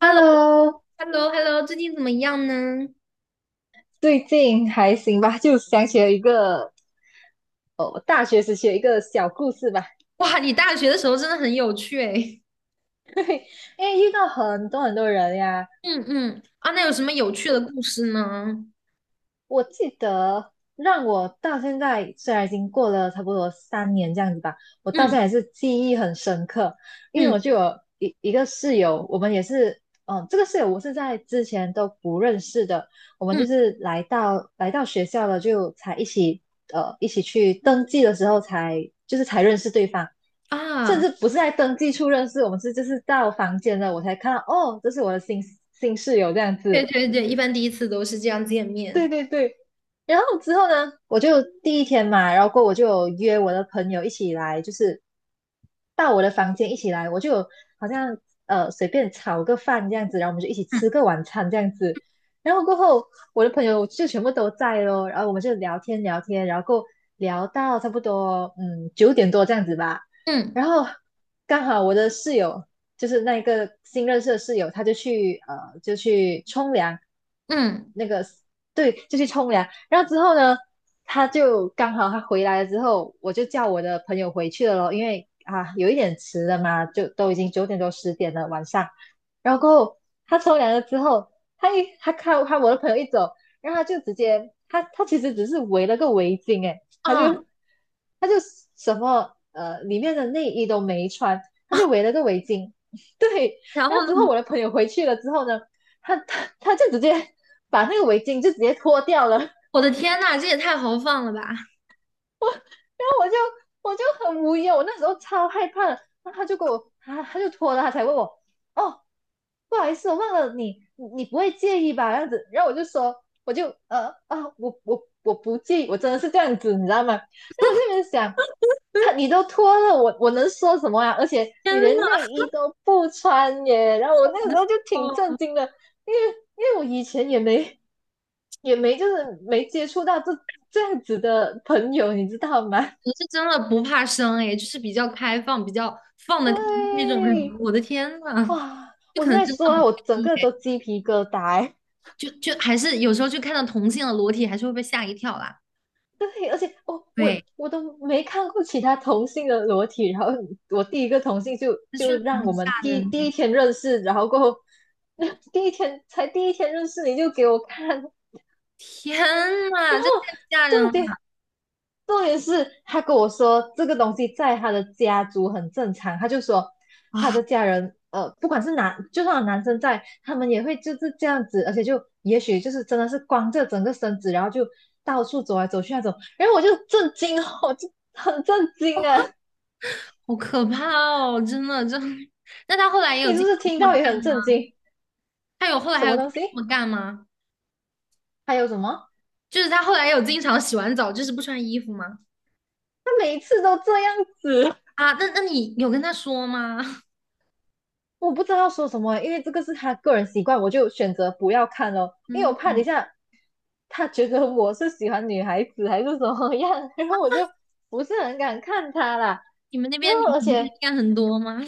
h e l l o Hello，h e l l o h e l l o 最近怎么样呢？最近还行吧？就想起了一个哦，大学时期的一个小故事吧。哇，你大学的时候真的很有趣诶。对，因为遇到很多很多人呀，那有什么有趣的故事呢？我记得让我到现在，虽然已经过了差不多3年这样子吧，我到嗯现在也是记忆很深刻，因为嗯我就有一个室友，我们也是，这个室友我是在之前都不认识的，我们嗯，就是来到学校了，就才一起去登记的时候才就是才认识对方，甚啊，至不是在登记处认识，我们是就是到房间了，我才看到哦，这是我的新室友这样对子。对对，一般第一次都是这样见对面。对对，然后之后呢，我就第一天嘛，然后过后我就有约我的朋友一起来，就是到我的房间一起来，我就有好像随便炒个饭这样子，然后我们就一起吃嗯个晚餐这样子。然后过后，我的朋友就全部都在咯，然后我们就聊天聊天，然后过后聊到差不多九点多这样子吧。嗯然后刚好我的室友就是那一个新认识的室友，他就去就去冲凉，嗯，对，就去冲凉。然后之后呢，他就刚好他回来了之后，我就叫我的朋友回去了咯，因为啊有一点迟了嘛，就都已经九点多10点了晚上。然后过后他冲凉了之后，他看看我的朋友一走，然后他就直接他其实只是围了个围巾，诶，他就啊，他就里面的内衣都没穿，他就围了个围巾。对，然然后后之后呢？我的朋友回去了之后呢，他就直接把那个围巾就直接脱掉了，然我的天呐，这也太豪放了吧 后我就很无语哦我那时候超害怕的然后他就给我他就脱了，他才问我哦，不好意思，我忘了你不会介意吧？这样子，然后我就说我就呃啊我我我不介意，我真的是这样子，你知道吗？然后我就在想。你都脱了，我能说什么啊？而且 天你连呐，内衣都不穿耶，然后我那个时候就挺震哦，惊的，因为因为我以前也没也没就是没接触到这样子的朋友，你知道吗？你是真的不怕生诶，就是比较开放、比较放 得开那种人。对，我的天呐，哇，就我可现能在真说的不啊，太我一整个样都鸡皮疙瘩欸。就还是有时候就看到同性的裸体，还是会被吓一跳啦。对，而且我我对，我都没看过其他同性的裸体，然后我第一个同性就这确就实蛮让我吓们人第第一的。天认识，然后过后 第一天认识你就给我看，天呐，然后这太吓人重了点重点是他跟我说这个东西在他的家族很正常，他就说他啊！的家人，不管是男，就算有男生在，他们也会就是这样子，而且就也许就是真的是光着整个身子，然后就到处走来走去那种，然后我就震惊哦，我就很震惊啊！好可怕哦，真的，真的那他后来也有你是经不常是听这到么也干很震吗？惊？他有后来什还有么经东常西？这么干吗？还有什么？就是他后来有经常洗完澡就是不穿衣服吗？他每一次都这样子，啊，那那你有跟他说吗？我不知道说什么，因为这个是他个人习惯，我就选择不要看咯，因为我嗯，怕等一下他觉得我是喜欢女孩子还是怎么样，然后我就不是很敢看他啦。你们那然边后女而同性且恋很多吗？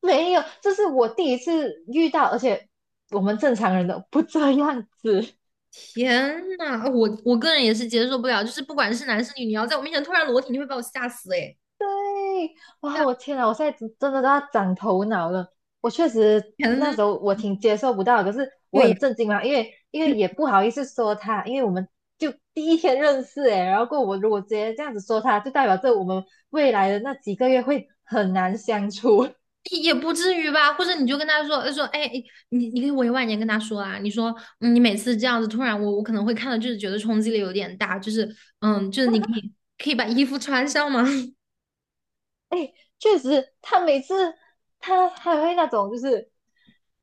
没有，这是我第一次遇到，而且我们正常人都不这样子。天呐，我个人也是接受不了，就是不管是男是女，你要在我面前突然裸体，你会把我吓死哎。哇，我 天呐，我现在真的都要长头脑了。我确实那天，时候我挺接受不到的可是我对呀。很震惊嘛，因为也不好意思说他，因为我们就第一天认识诶，然后过后我如果直接这样子说他，就代表着我们未来的那几个月会很难相处。也不至于吧，或者你就跟他说他说，哎，哎你你可以委婉一点跟他说啊，你说，嗯你每次这样子突然我，我可能会看到，就是觉得冲击力有点大，就是，嗯，就是你可以把衣服穿上吗？哎，确实，他每次还会那种，就是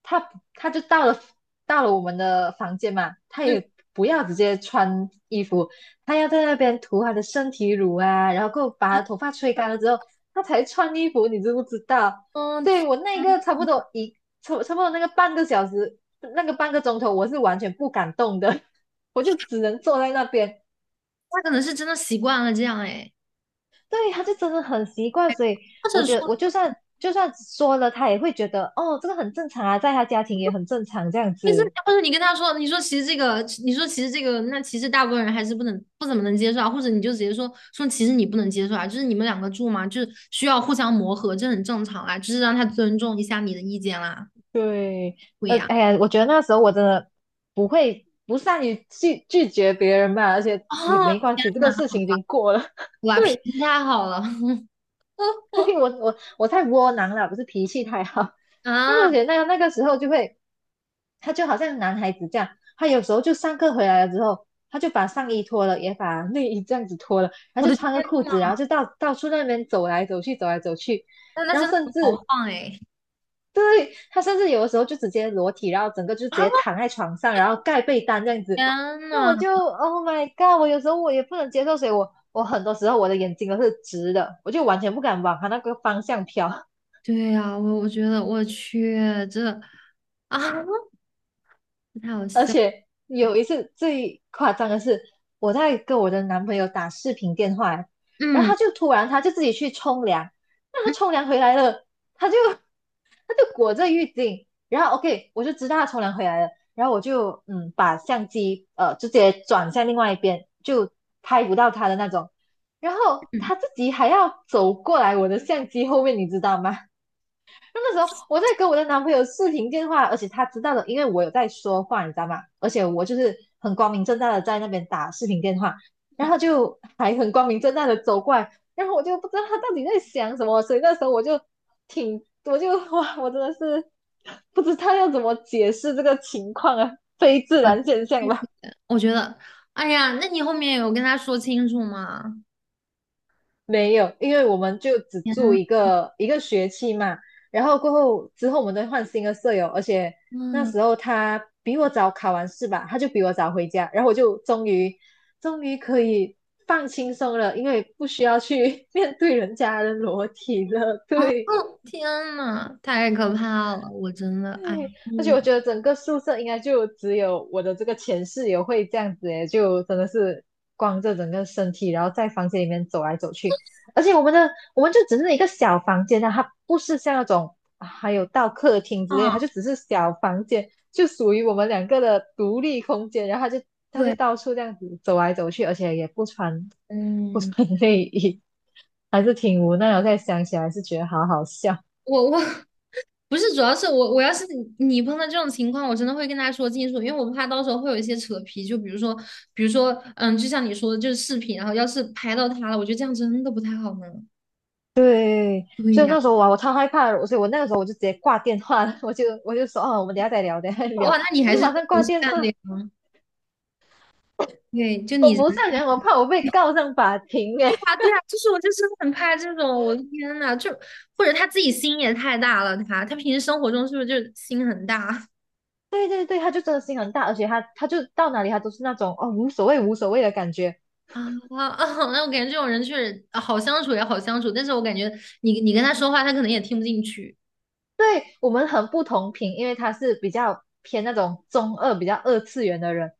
他他就到了我们的房间嘛，他嗯也不要直接穿衣服，他要在那边涂他的身体乳啊，然后给我把啊，他头发吹干了之后，他才穿衣服，你知不知道？嗯，所天以我那啊个差不多一差差不多那个半个小时，那个半个钟头，我是完全不敢动的，我就只能坐在那边。他可能是真的习惯了这样，哎，对，他就真的很习惯，所以或我者觉得说，我就算说了，他也会觉得哦，这个很正常啊，在他家庭也很正常这样其实子。或者你跟他说，你说其实这个，你说其实这个，那其实大部分人还是不怎么能接受啊，或者你就直接说说，其实你不能接受啊，就是你们两个住嘛，就是需要互相磨合，这很正常啦，就是让他尊重一下你的意见啦，对，对呀。哎呀，我觉得那时候我真的不会不善于拒绝别人吧，而且哦，也没关天系，这个呐，事情已经过了。哇，脾对，气太好了 所以 我太窝囊了，不是脾气太好。因为啊！我觉得那个时候就会，他就好像男孩子这样，他有时候就上课回来了之后，他就把上衣脱了，也把内衣这样子脱了，他我就的天穿个裤呐，子，然后就到处那边走来走去，走来走去，那那然真后的甚好至豪放哎！对，他甚至有的时候就直接裸体，然后整个就直啊，接躺在床上，然后盖被单这样子。天那呐，我就 Oh my God！我有时候我也不能接受，所以我很多时候我的眼睛都是直的，我就完全不敢往他那个方向飘。对呀、我我觉得我去这啊，太好而笑。且有一次最夸张的是，我在跟我的男朋友打视频电话，然后嗯他就突然自己去冲凉，那嗯，他冲凉回来了，他就 他就裹着浴巾，然后 OK 我就知道他冲凉回来了，然后我就把相机直接转向另外一边，就拍不到他的那种，然后他自己还要走过来我的相机后面，你知道吗？那时候我在跟我的男朋友视频电话，而且他知道的，因为我有在说话，你知道吗？而且我就是很光明正大的在那边打视频电话，然后就还很光明正大的走过来，然后我就不知道他到底在想什么，所以那时候我就挺，我就 哇，我真的是不知道要怎么解释这个情况啊，非自我然现象去吧。我觉得，哎呀，那你后面有跟他说清楚吗？没有，因为我们就只天住一个学期嘛，然后过后之后我们都换新的舍友，而且那呐，时候他比我早考完试吧，他就比我早回家，然后我就终于可以放轻松了，因为不需要去 面对人家的裸体了。啊，对，天呐，太可怕了！我真的，哎呀，对，而且我觉得整个宿舍应该就只有我的这个前室友会这样子诶，就真的是光着整个身体，然后在房间里面走来走去。而且我们就只是一个小房间啊，它不是像那种啊还有到客厅之类，啊，它就只是小房间，就属于我们两个的独立空间。然后他就对，到处这样子走来走去，而且也不穿不嗯。穿内衣，还是挺无奈的。我在想起来是觉得好好笑。我我 不是，主要是我要是你你碰到这种情况，我真的会跟他说清楚，因为我怕到时候会有一些扯皮，就比如说，比如说，嗯，就像你说的，就是视频，然后要是拍到他了，我觉得这样真的不太好呢。对，对所以呀，那时候哇，我超害怕的，所以我那个时候我就直接挂电话了，我就说哦，我们等一下再聊，等一下再聊，哇，那你我还就是马真的上很挂电善话。良，对，就我你 人不对善良，我怕我被告上法庭耶。啊，对啊，就是我就是很怕这种，我的天呐，就或者他自己心也太大了，他平时生活中是不是就心很大？对对对，他就真的心很大，而且他就到哪里他都是那种哦无所谓无所谓的感觉。啊啊！那我感觉这种人确实啊好相处也好相处，但是我感觉你你跟他说话，他可能也听不进去。对我们很不同频，因为他是比较偏那种中二、比较二次元的人，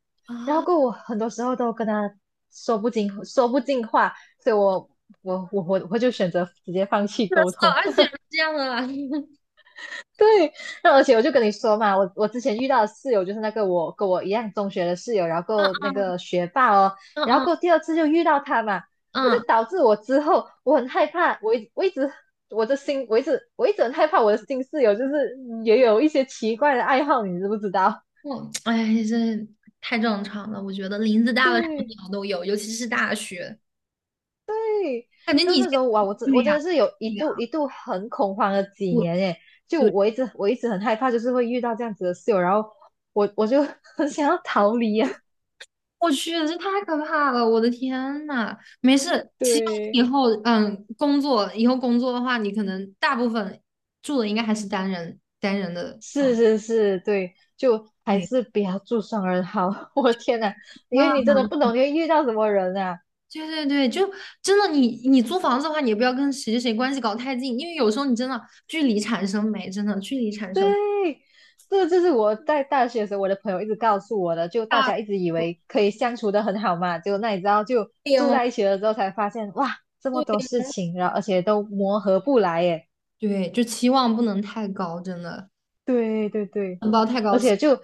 然后过后我很多时候都跟他说不进话，所以我就选择直接放 弃是的，沟是的，通。而且是这样的啦。对，那而且我就跟你说嘛，我之前遇到的室友就是那个我跟我一样中学的室友，然后够那 嗯个学霸哦，然后嗯够第二次就遇到他嘛，嗯那嗯，就导致我之后我很害怕，我一直很害怕我的新室友就是也有一些奇怪的爱好，你知不知道？我哎，这太正常了。我觉得林子 大了什么对，鸟都有，尤其是大学，感觉你然以后前那时候哇，我真对我真呀、的是有对一呀、度一度很恐慌了几我年耶，就对，我一直很害怕，就是会遇到这样子的室友，然后我就 很想要逃离啊，我去，这太可怕了！我的天呐，没事，其实以对。后嗯，工作以后工作的话，你可能大部分住的应该还是单人单人的是房。是是，对，就还对是不要住双人好。我的天呐，因为你啊，真的不懂你会遇到什么人啊。对对对，就真的你你租房子的话，你也不要跟谁谁谁关系搞太近，因为有时候你真的距离产生美，真的距离产生对，这就是我在大学的时候，我的朋友一直告诉我的，就大大家一直以为可以相处的很好嘛，结果那你知道，就住病在一起了之后才发现，哇，这么多事情，然后而且都磨合不来耶。对，就期望不能太高，真的对对对，不要太高，而且就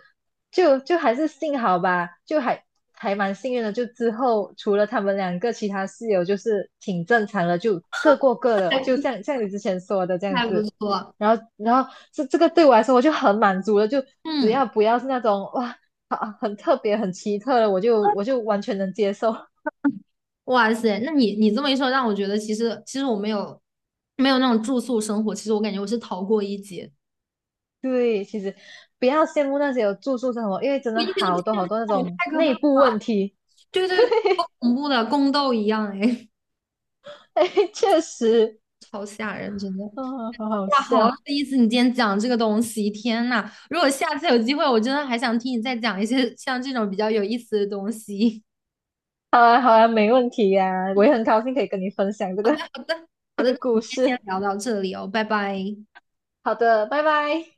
还是幸好吧，就还蛮幸运的。就之后除了他们两个，其他室友就是挺正常的，就各过各的，还就不像你之前说的这样还不子。错。然后这个对我来说我就很满足了，就只嗯，要不要是那种哇啊很特别很奇特的，我就完全能接受。哇塞，那你你这么一说，让我觉得其实其实我没有没有那种住宿生活，其实我感觉我是逃过一劫，对，其实不要羡慕那些有住宿生活，因为真我的一点都不好多羡好多那慕，种太可怕内了，部问题。对对对，好恐怖的宫斗一样哎。哎，确实。哦，好好哇，好有笑。意思！你今天讲这个东西，天呐，如果下次有机会，我真的还想听你再讲一些像这种比较有意思的东西。好啊，好啊，没问题呀、我也很高兴可以跟你分享这个 好的，好的，好这的，个那我故们今天事。先聊到这里哦，拜拜。好的，拜拜。